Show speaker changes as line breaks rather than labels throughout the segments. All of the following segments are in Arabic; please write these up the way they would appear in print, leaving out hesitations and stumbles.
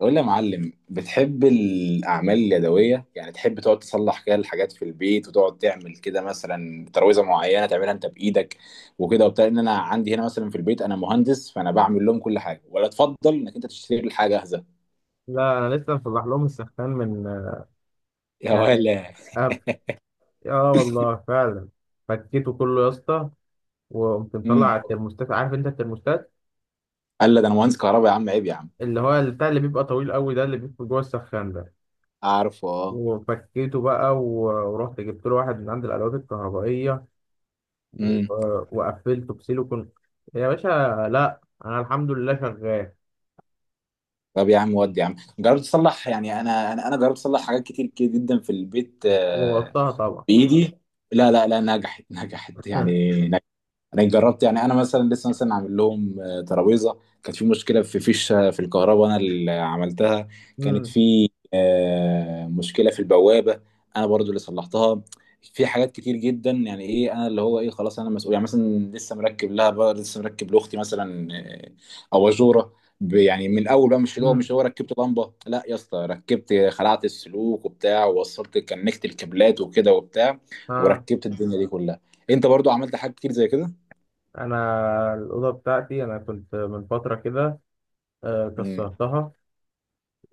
قول لي يا معلم، بتحب الأعمال اليدوية؟ يعني تحب تقعد تصلح كده الحاجات في البيت وتقعد تعمل كده، مثلا ترويزة معينة تعملها أنت بإيدك وكده وبتاع؟ إن أنا عندي هنا مثلا في البيت، أنا مهندس فأنا بعمل لهم كل حاجة، ولا تفضل إنك أنت تشتري لي حاجة جاهزة؟
لا انا لسه مصلح لهم السخان من
يا
يعني
ولا.
أب... اه والله فعلا. فكيته كله يا اسطى، وقمت مطلع على
امم.
الترموستات. عارف انت الترموستات
قال لا، ده أنا مهندس كهرباء يا عم، عيب يا عم.
اللي هو بتاع اللي بيبقى طويل قوي ده، اللي بيبقى جوه السخان ده.
عارفه، اه.
وفكيته بقى ورحت جبت له واحد من عند الادوات الكهربائيه، و...
امم.
وقفلته بسيليكون يا باشا. لا انا الحمد لله شغال،
طب يا عم، ودي يا عم جربت تصلح؟ يعني أنا جربت أصلح حاجات كتير كده جدا في البيت،
ووطاها طبعا.
بإيدي. لا، لا، لا، نجحت نجحت يعني. انا جربت، يعني انا مثلا لسه مثلا عامل لهم ترابيزه كانت في مشكله في فيشه في الكهرباء، انا اللي عملتها. كانت
امم،
في مشكله في البوابه. انا برضو اللي صلحتها. في حاجات كتير جدا، يعني ايه انا اللي هو ايه، خلاص انا مسؤول، يعني مثلا لسه مركب لها بقى، لسه مركب لاختي مثلا. اباجوره. يعني من الاول بقى، مش اللي هو
امم،
مش هو ركبت لمبه، لا يا اسطى، ركبت خلعت السلوك وبتاع ووصلت كنكت الكابلات وكده وبتاع.
ها.
وركبت الدنيا دي كلها. انت برضو عملت حاجات كتير زي كده؟
انا الاوضه بتاعتي انا كنت من فتره كده
امم.
كسرتها،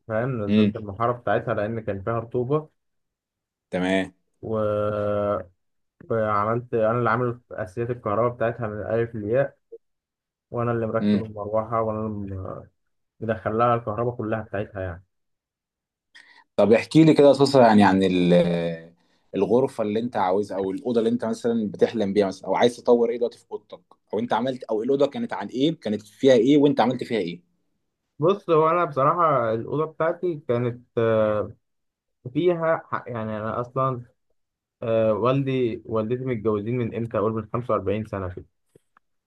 فاهم،
امم.
نزلت المحارة بتاعتها لأن كان فيها رطوبة
تمام.
و... وعملت أنا اللي عامل أساسيات الكهرباء بتاعتها من الألف للياء، وأنا اللي
امم.
مركب المروحة، وأنا اللي مدخل لها الكهرباء كلها بتاعتها يعني.
طب احكي لي كده قصص، يعني عن الغرفه اللي انت عاوزها، او الاوضه اللي انت مثلا بتحلم بيها مثلا، او عايز تطور ايه دلوقتي في اوضتك، او انت عملت، او الاوضه كانت عن ايه، كانت فيها ايه وانت عملت فيها ايه؟
بص، هو أنا بصراحة الأوضة بتاعتي كانت فيها حق. يعني أنا أصلا والدي والدتي متجوزين من إمتى، أقول من 45 سنة كده،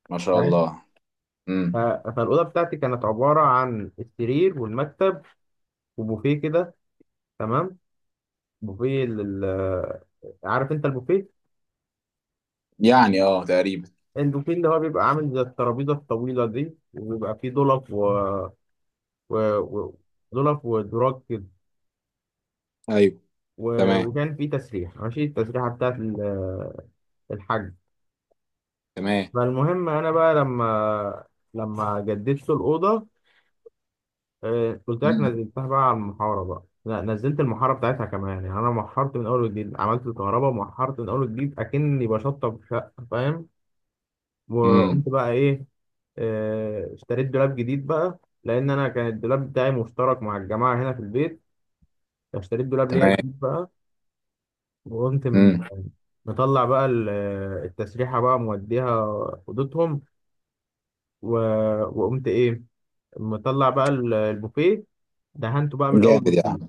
ما شاء
فاهم.
الله.
ف-
امم.
فالأوضة بتاعتي كانت عبارة عن السرير والمكتب وبوفيه كده، تمام، بوفيه عارف انت البوفيه.
يعني اه تقريبا.
البوفيه اللي هو بيبقى عامل زي الترابيزة الطويلة دي، وبيبقى فيه ضلف و... و... ضلف ودراج كده
ايوه. تمام.
وكان فيه تسريحة، ماشي، التسريحة بتاعت الحاج.
تمام.
فالمهم أنا بقى لما جددت الأوضة، قلت لك
امم.
نزلتها بقى على المحارة بقى، لا نزلت المحارة بتاعتها كمان. يعني أنا محرت من أول وجديد، عملت الكهرباء ومحرت من أول وجديد أكني بشطب شقة، فاهم.
امم.
وقمت بقى ايه، اشتريت دولاب جديد بقى، لان انا كان الدولاب بتاعي مشترك مع الجماعه هنا في البيت. اشتريت دولاب ليا
تمام.
جديد بقى، وقمت
امم.
مطلع بقى التسريحه، بقى موديها اوضتهم، و- وقمت ايه، مطلع بقى البوفيه، دهنته بقى من اول
جامد يا
وجديد.
عم،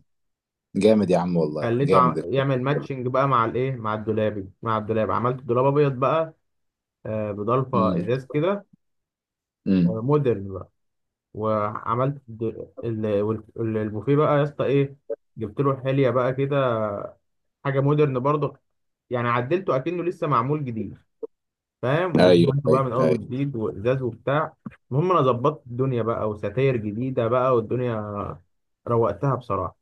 جامد يا عم والله،
خليته
جامد.
يعمل ماتشنج بقى مع الايه، مع الدولاب. عملت دولاب ابيض بقى، بضلفه
امم.
ازاز كده،
امم.
مودرن. وعملت البوفيه بقى يا اسطى ايه، جبت له حليه بقى كده، حاجه مودرن برضه. يعني عدلته اكنه لسه معمول جديد، فاهم،
ايوه،
ودهنته
ايوه،
بقى من اول
ايوه.
وجديد وازاز وبتاع. المهم انا ظبطت الدنيا بقى، وستاير جديده بقى، والدنيا روقتها بصراحه.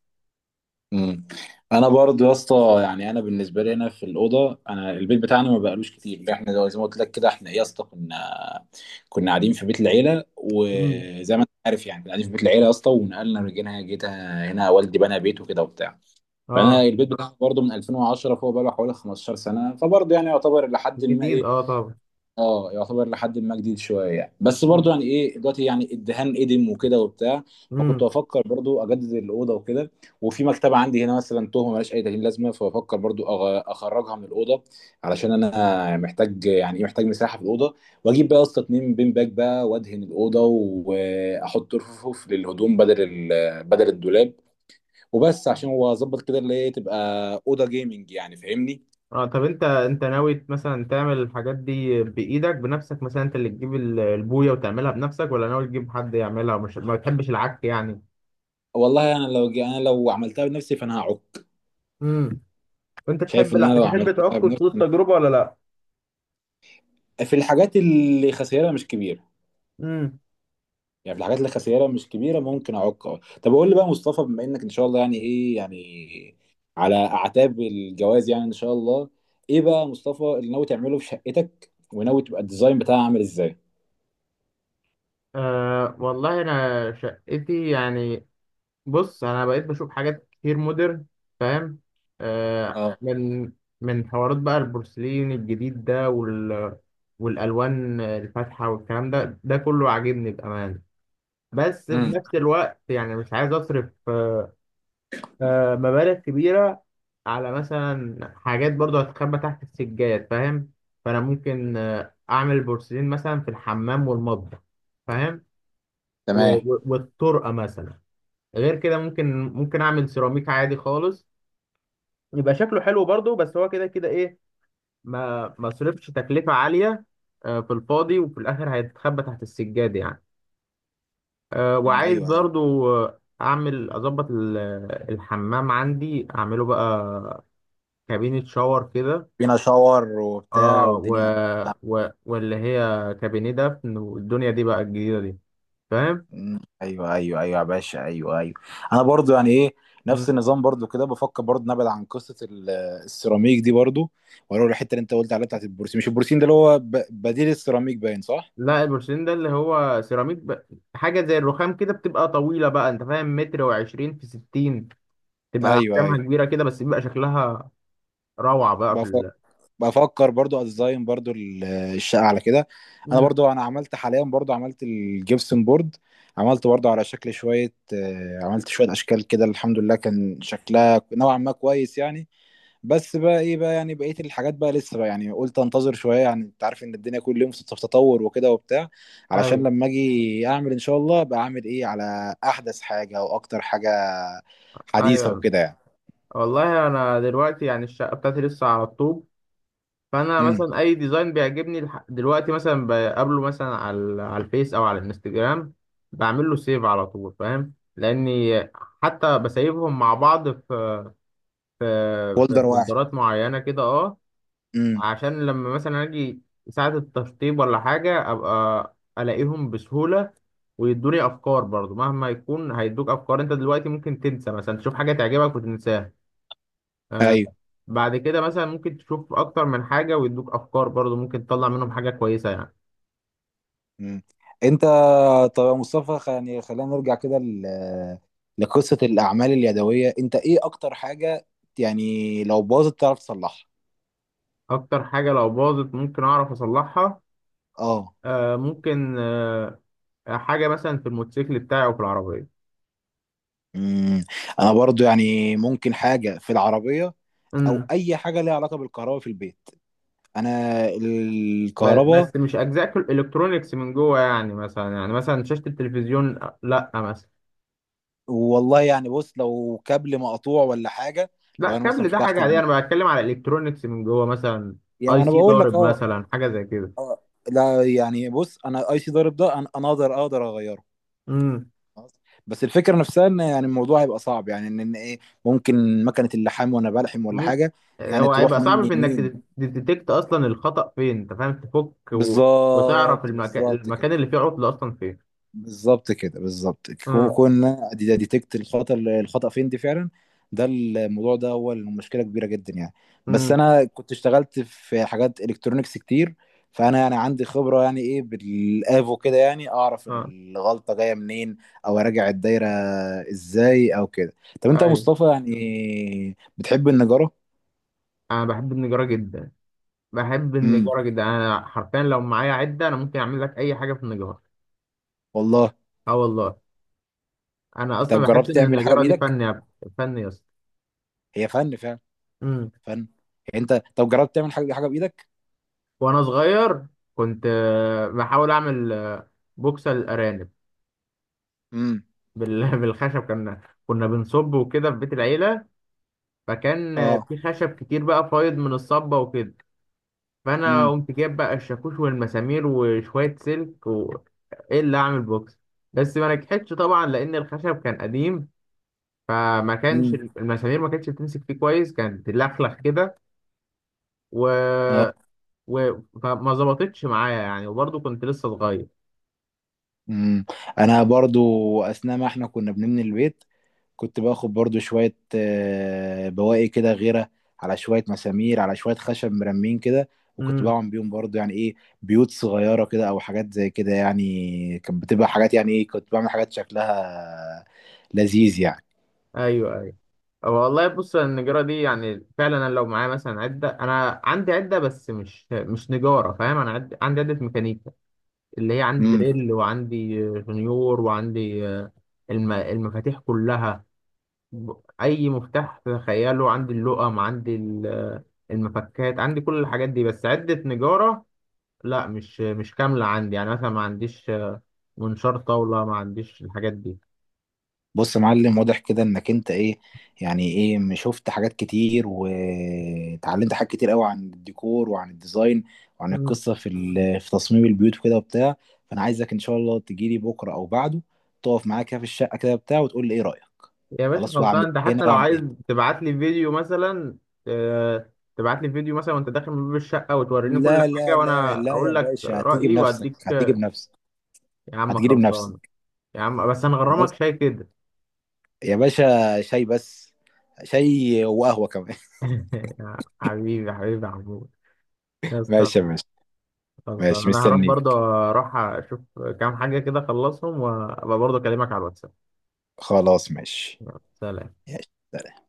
امم. انا برضو يا اسطى، يعني انا بالنسبه لي هنا في الاوضه، انا البيت بتاعنا ما بقالوش كتير، احنا زي ما قلت لك كده، احنا إيه يا اسطى، كنا قاعدين في بيت العيله،
امم،
وزي ما انت عارف يعني كنا قاعدين في بيت العيله يا اسطى، ونقلنا، رجعنا، جيت هنا والدي بنى بيت وكده وبتاع. فانا
اه،
البيت بتاعي برضو من 2010، فهو بقى له حوالي 15 سنه، فبرضو يعني يعتبر لحد ما
جديد
ايه،
اه طبعا،
اه يعتبر لحد ما جديد شويه يعني، بس برضو
امم،
يعني ايه، دلوقتي يعني الدهان قدم وكده وبتاع.
امم،
فكنت بفكر برضو اجدد الاوضه وكده. وفي مكتبه عندي هنا مثلا تهمه ملهاش اي تهيئه لازمه، فبفكر برضو اخرجها من الاوضه. علشان انا محتاج يعني ايه، محتاج مساحه في الاوضه. واجيب بقى يا اسطى 2 بين باك بقى، وادهن الاوضه، واحط رفوف للهدوم بدل الدولاب. وبس عشان هو اظبط كده، اللي هي تبقى اوضه جيمنج يعني، فاهمني؟
اه. طب انت، ناوي مثلا تعمل الحاجات دي بايدك بنفسك، مثلا انت اللي تجيب البويه وتعملها بنفسك، ولا ناوي تجيب حد يعملها، مش ما بتحبش العك يعني.
والله انا لو عملتها بنفسي فانا هعك.
امم. وانت
شايف
تحب
ان
لا
انا لو
تحب تعك
عملتها
خطوط
بنفسي.
التجربه ولا لا.
في الحاجات اللي خسائرها مش كبيره.
امم.
يعني في الحاجات اللي خسائرها مش كبيره ممكن اعوق. اه. طب قول لي بقى مصطفى، بما انك ان شاء الله يعني ايه، يعني على اعتاب الجواز يعني ان شاء الله. ايه بقى مصطفى اللي ناوي تعمله في شقتك؟ وناوي تبقى الديزاين بتاعها عامل ازاي؟
أه والله انا شقتي يعني، بص انا بقيت بشوف حاجات كتير مودرن، فاهم،
اه.
من حوارات بقى، البورسلين الجديد ده والالوان الفاتحه والكلام ده، كله عاجبني بامانه. بس في
امم.
نفس الوقت يعني مش عايز اصرف أه آه، مبالغ كبيره على مثلا حاجات برضو هتخبى تحت السجاد، فاهم. فانا ممكن اعمل البورسلين مثلا في الحمام والمطبخ، فاهم،
تمام.
والطرقه مثلا. غير كده ممكن اعمل سيراميك عادي خالص، يبقى شكله حلو برضو. بس هو كده كده ايه، ما صرفش تكلفه عاليه في الفاضي، وفي الاخر هيتخبى تحت السجاد يعني.
أمم،
وعايز
ايوه، ايوه.
برضو اعمل اظبط الحمام عندي، اعمله بقى كابينة شاور كده،
فينا شاور وبتاع
اه،
والدنيا.
واللي هي كابينيه دفن والدنيا دي بقى، الجديده دي، فاهم.
مم. ايوه، ايوه، ايوه يا باشا، ايوه، ايوه. انا برضو يعني ايه، نفس
مم.
النظام برضو كده، بفكر برضو نبعد عن قصه السيراميك دي برضو. واروح الحته اللي انت قلت عليها، بتاعت البروسيم، مش البروسيم ده اللي هو بديل السيراميك، باين صح؟
لا، البورسلين ده اللي هو سيراميك حاجه زي الرخام كده، بتبقى طويله بقى، انت فاهم، متر وعشرين في ستين، تبقى
ايوه،
احجامها
ايوه.
كبيره كده، بس بيبقى شكلها روعه بقى في
بفكر بفكر برضو اديزاين برضو الشقه على كده. انا
مم.
برضو، انا عملت حاليا برضو عملت الجبسن بورد. عملت برضو على شكل شويه، عملت شويه اشكال كده، الحمد لله كان شكلها نوعا ما كويس يعني. بس بقى ايه بقى، يعني بقيه الحاجات بقى لسه بقى، يعني قلت انتظر شويه، يعني انت عارف ان الدنيا كل يوم في تطور وكده وبتاع. علشان
ايوه،
لما اجي اعمل ان شاء الله، ابقى اعمل ايه على احدث حاجه واكتر حاجه حديثه
ايوه.
وكده يعني.
والله انا دلوقتي يعني الشقه بتاعتي لسه على الطوب، فانا
امم.
مثلا اي ديزاين بيعجبني دلوقتي، مثلا بقابله مثلا على الفيس او على الانستجرام، بعمل له سيف على طول، فاهم، لاني حتى بسيبهم مع بعض في في
فولدر واحد.
فولدرات معينه كده، اه،
امم.
عشان لما مثلا اجي ساعه التشطيب ولا حاجه، ابقى الاقيهم بسهوله، ويدوني افكار برضو. مهما يكون هيدوك افكار، انت دلوقتي ممكن تنسى، مثلا تشوف حاجه تعجبك وتنساها، آه،
ايوه.
بعد كده مثلا ممكن تشوف اكتر من حاجة، ويدوك افكار برضو، ممكن تطلع منهم حاجة كويسة يعني.
امم. انت. طب يا مصطفى، يعني خلينا نرجع كده لقصه الاعمال اليدويه، انت ايه اكتر حاجه، يعني لو باظت تعرف تصلحها؟
اكتر حاجة لو باظت ممكن اعرف اصلحها،
اه.
آه ممكن آه حاجة مثلا في الموتوسيكل بتاعي، او في العربية.
امم. انا برضو يعني ممكن حاجه في العربيه، او
امم.
اي حاجه ليها علاقه بالكهرباء في البيت، انا الكهرباء.
بس مش اجزاء الكترونيكس من جوه، يعني مثلا، شاشة التلفزيون لا مثلا.
والله يعني بص، لو كابل مقطوع ولا حاجه.
لا
لو انا مثلا
كابل ده
فتحت
حاجة عادية، انا بتكلم على الكترونيكس من جوه، مثلا
يعني
اي
انا
سي
بقول لك
ضارب
اه.
مثلا، حاجة زي
آه، لا، يعني بص، انا اي سي ضارب ده انا اقدر اغيره.
كده.
بس الفكره نفسها، ان يعني الموضوع هيبقى صعب، يعني ان ايه، ممكن مكنه اللحام وانا بلحم ولا
مم.
حاجه. يعني
هو
تروح
هيبقى صعب
مني
في
يمين.
انك تديتكت اصلا الخطأ فين، انت فاهم، تفك وتعرف
بالظبط،
المكان،
بالظبط كده،
اللي فيه عطل اصلا فين.
بالظبط كده، بالظبط
اه.
كنا دي ديتكت الخطأ، الخطأ فين دي فعلا. ده الموضوع ده هو المشكلة كبيرة جدا يعني. بس
امم،
انا كنت اشتغلت في حاجات الكترونيكس كتير. فانا يعني عندي خبرة، يعني ايه بالافو كده، يعني اعرف
اه.
الغلطة جاية منين، او اراجع الدايرة ازاي او كده. طب انت يا
ايوه،
مصطفى، يعني بتحب النجارة؟
انا بحب النجارة جدا، بحب
امم.
النجارة جدا، انا حرفيا لو معايا عدة انا ممكن اعمل لك اي حاجة في النجارة.
والله.
اه والله، انا
طب
اصلا بحس
جربت
ان
تعمل حاجة
النجارة دي
بايدك؟
فن يا اسطى.
هي فن فعلا.
امم.
فن يعني. انت طب جربت تعمل حاجة بايدك؟
وانا صغير كنت بحاول اعمل بوكسة للارانب،
امم.
بالخشب. كنا بنصب وكده في بيت العيلة، فكان
اه.
في خشب كتير بقى فايض من الصبة وكده، فأنا
مم.
قمت جايب بقى الشاكوش والمسامير وشوية سلك إيه اللي أعمل بوكس. بس ما نجحتش طبعا لأن الخشب كان قديم، فما كانش
مم.
المسامير ما كانتش بتمسك فيه كويس، كانت تلخلخ كده
اه.
و... فما ظبطتش معايا يعني، وبرضه كنت لسه صغير.
مم. انا برضو، اثناء ما احنا كنا بنبني البيت، كنت باخد برضو شوية بواقي كده غيرة، على شوية مسامير، على شوية خشب مرمين كده. وكنت
امم،
بعمل بيهم برضو يعني ايه، بيوت صغيرة كده او حاجات زي كده، يعني كانت بتبقى حاجات يعني ايه، كنت بعمل حاجات شكلها لذيذ يعني.
ايوه، ايوه. والله بص النجارة دي يعني فعلا، انا لو معايا مثلا عدة، انا عندي عدة بس مش نجارة، فاهم، انا عندي عدة ميكانيكا، اللي هي عندي
مم.
دريل، وعندي جونيور، وعندي المفاتيح كلها، ب- اي مفتاح تخيله عندي، اللقم عندي المفكات عندي، كل الحاجات دي، بس عدة نجارة لا، مش كاملة عندي. يعني مثلا ما عنديش منشار طاولة، ما عنديش الحاجات دي.
بص يا معلم، واضح كده انك انت ايه، يعني ايه، شفت حاجات كتير وتعلمت حاجات كتير قوي عن الديكور وعن الديزاين، وعن
مم.
القصه في تصميم البيوت وكده وبتاع. فانا عايزك ان شاء الله تجيلي بكره او بعده، تقف معايا كده في الشقه كده بتاع وتقول لي ايه رايك.
يا باشا
خلاص،
خلصان،
واعمل
انت
هنا
حتى لو
واعمل
عايز
هنا.
تبعت لي فيديو مثلا آه، تبعت لي فيديو مثلا، وانت داخل من باب الشقة وتوريني كل
لا،
حاجة،
لا، لا،
وانا
لا، يا
اقول لك
باشا، هتيجي
رأيي
بنفسك،
واديك
هتيجي بنفسك.
يا عم
هتجيلي
خلصان،
بنفسك.
يا عم بس انا
خلاص.
غرامك شاي كده.
يا باشا شاي بس. شاي وقهوه كمان.
يا حبيبي حبيبي يا محمود، يا اسطى
ماشي يا
ماشي.
باشا.
خلصان،
ماشي،
انا هروح برضه
مستنيك.
اروح اشوف كام حاجه كده، اخلصهم وابقى برضه اكلمك على الواتساب.
خلاص، ماشي،
سلام.
ماشي.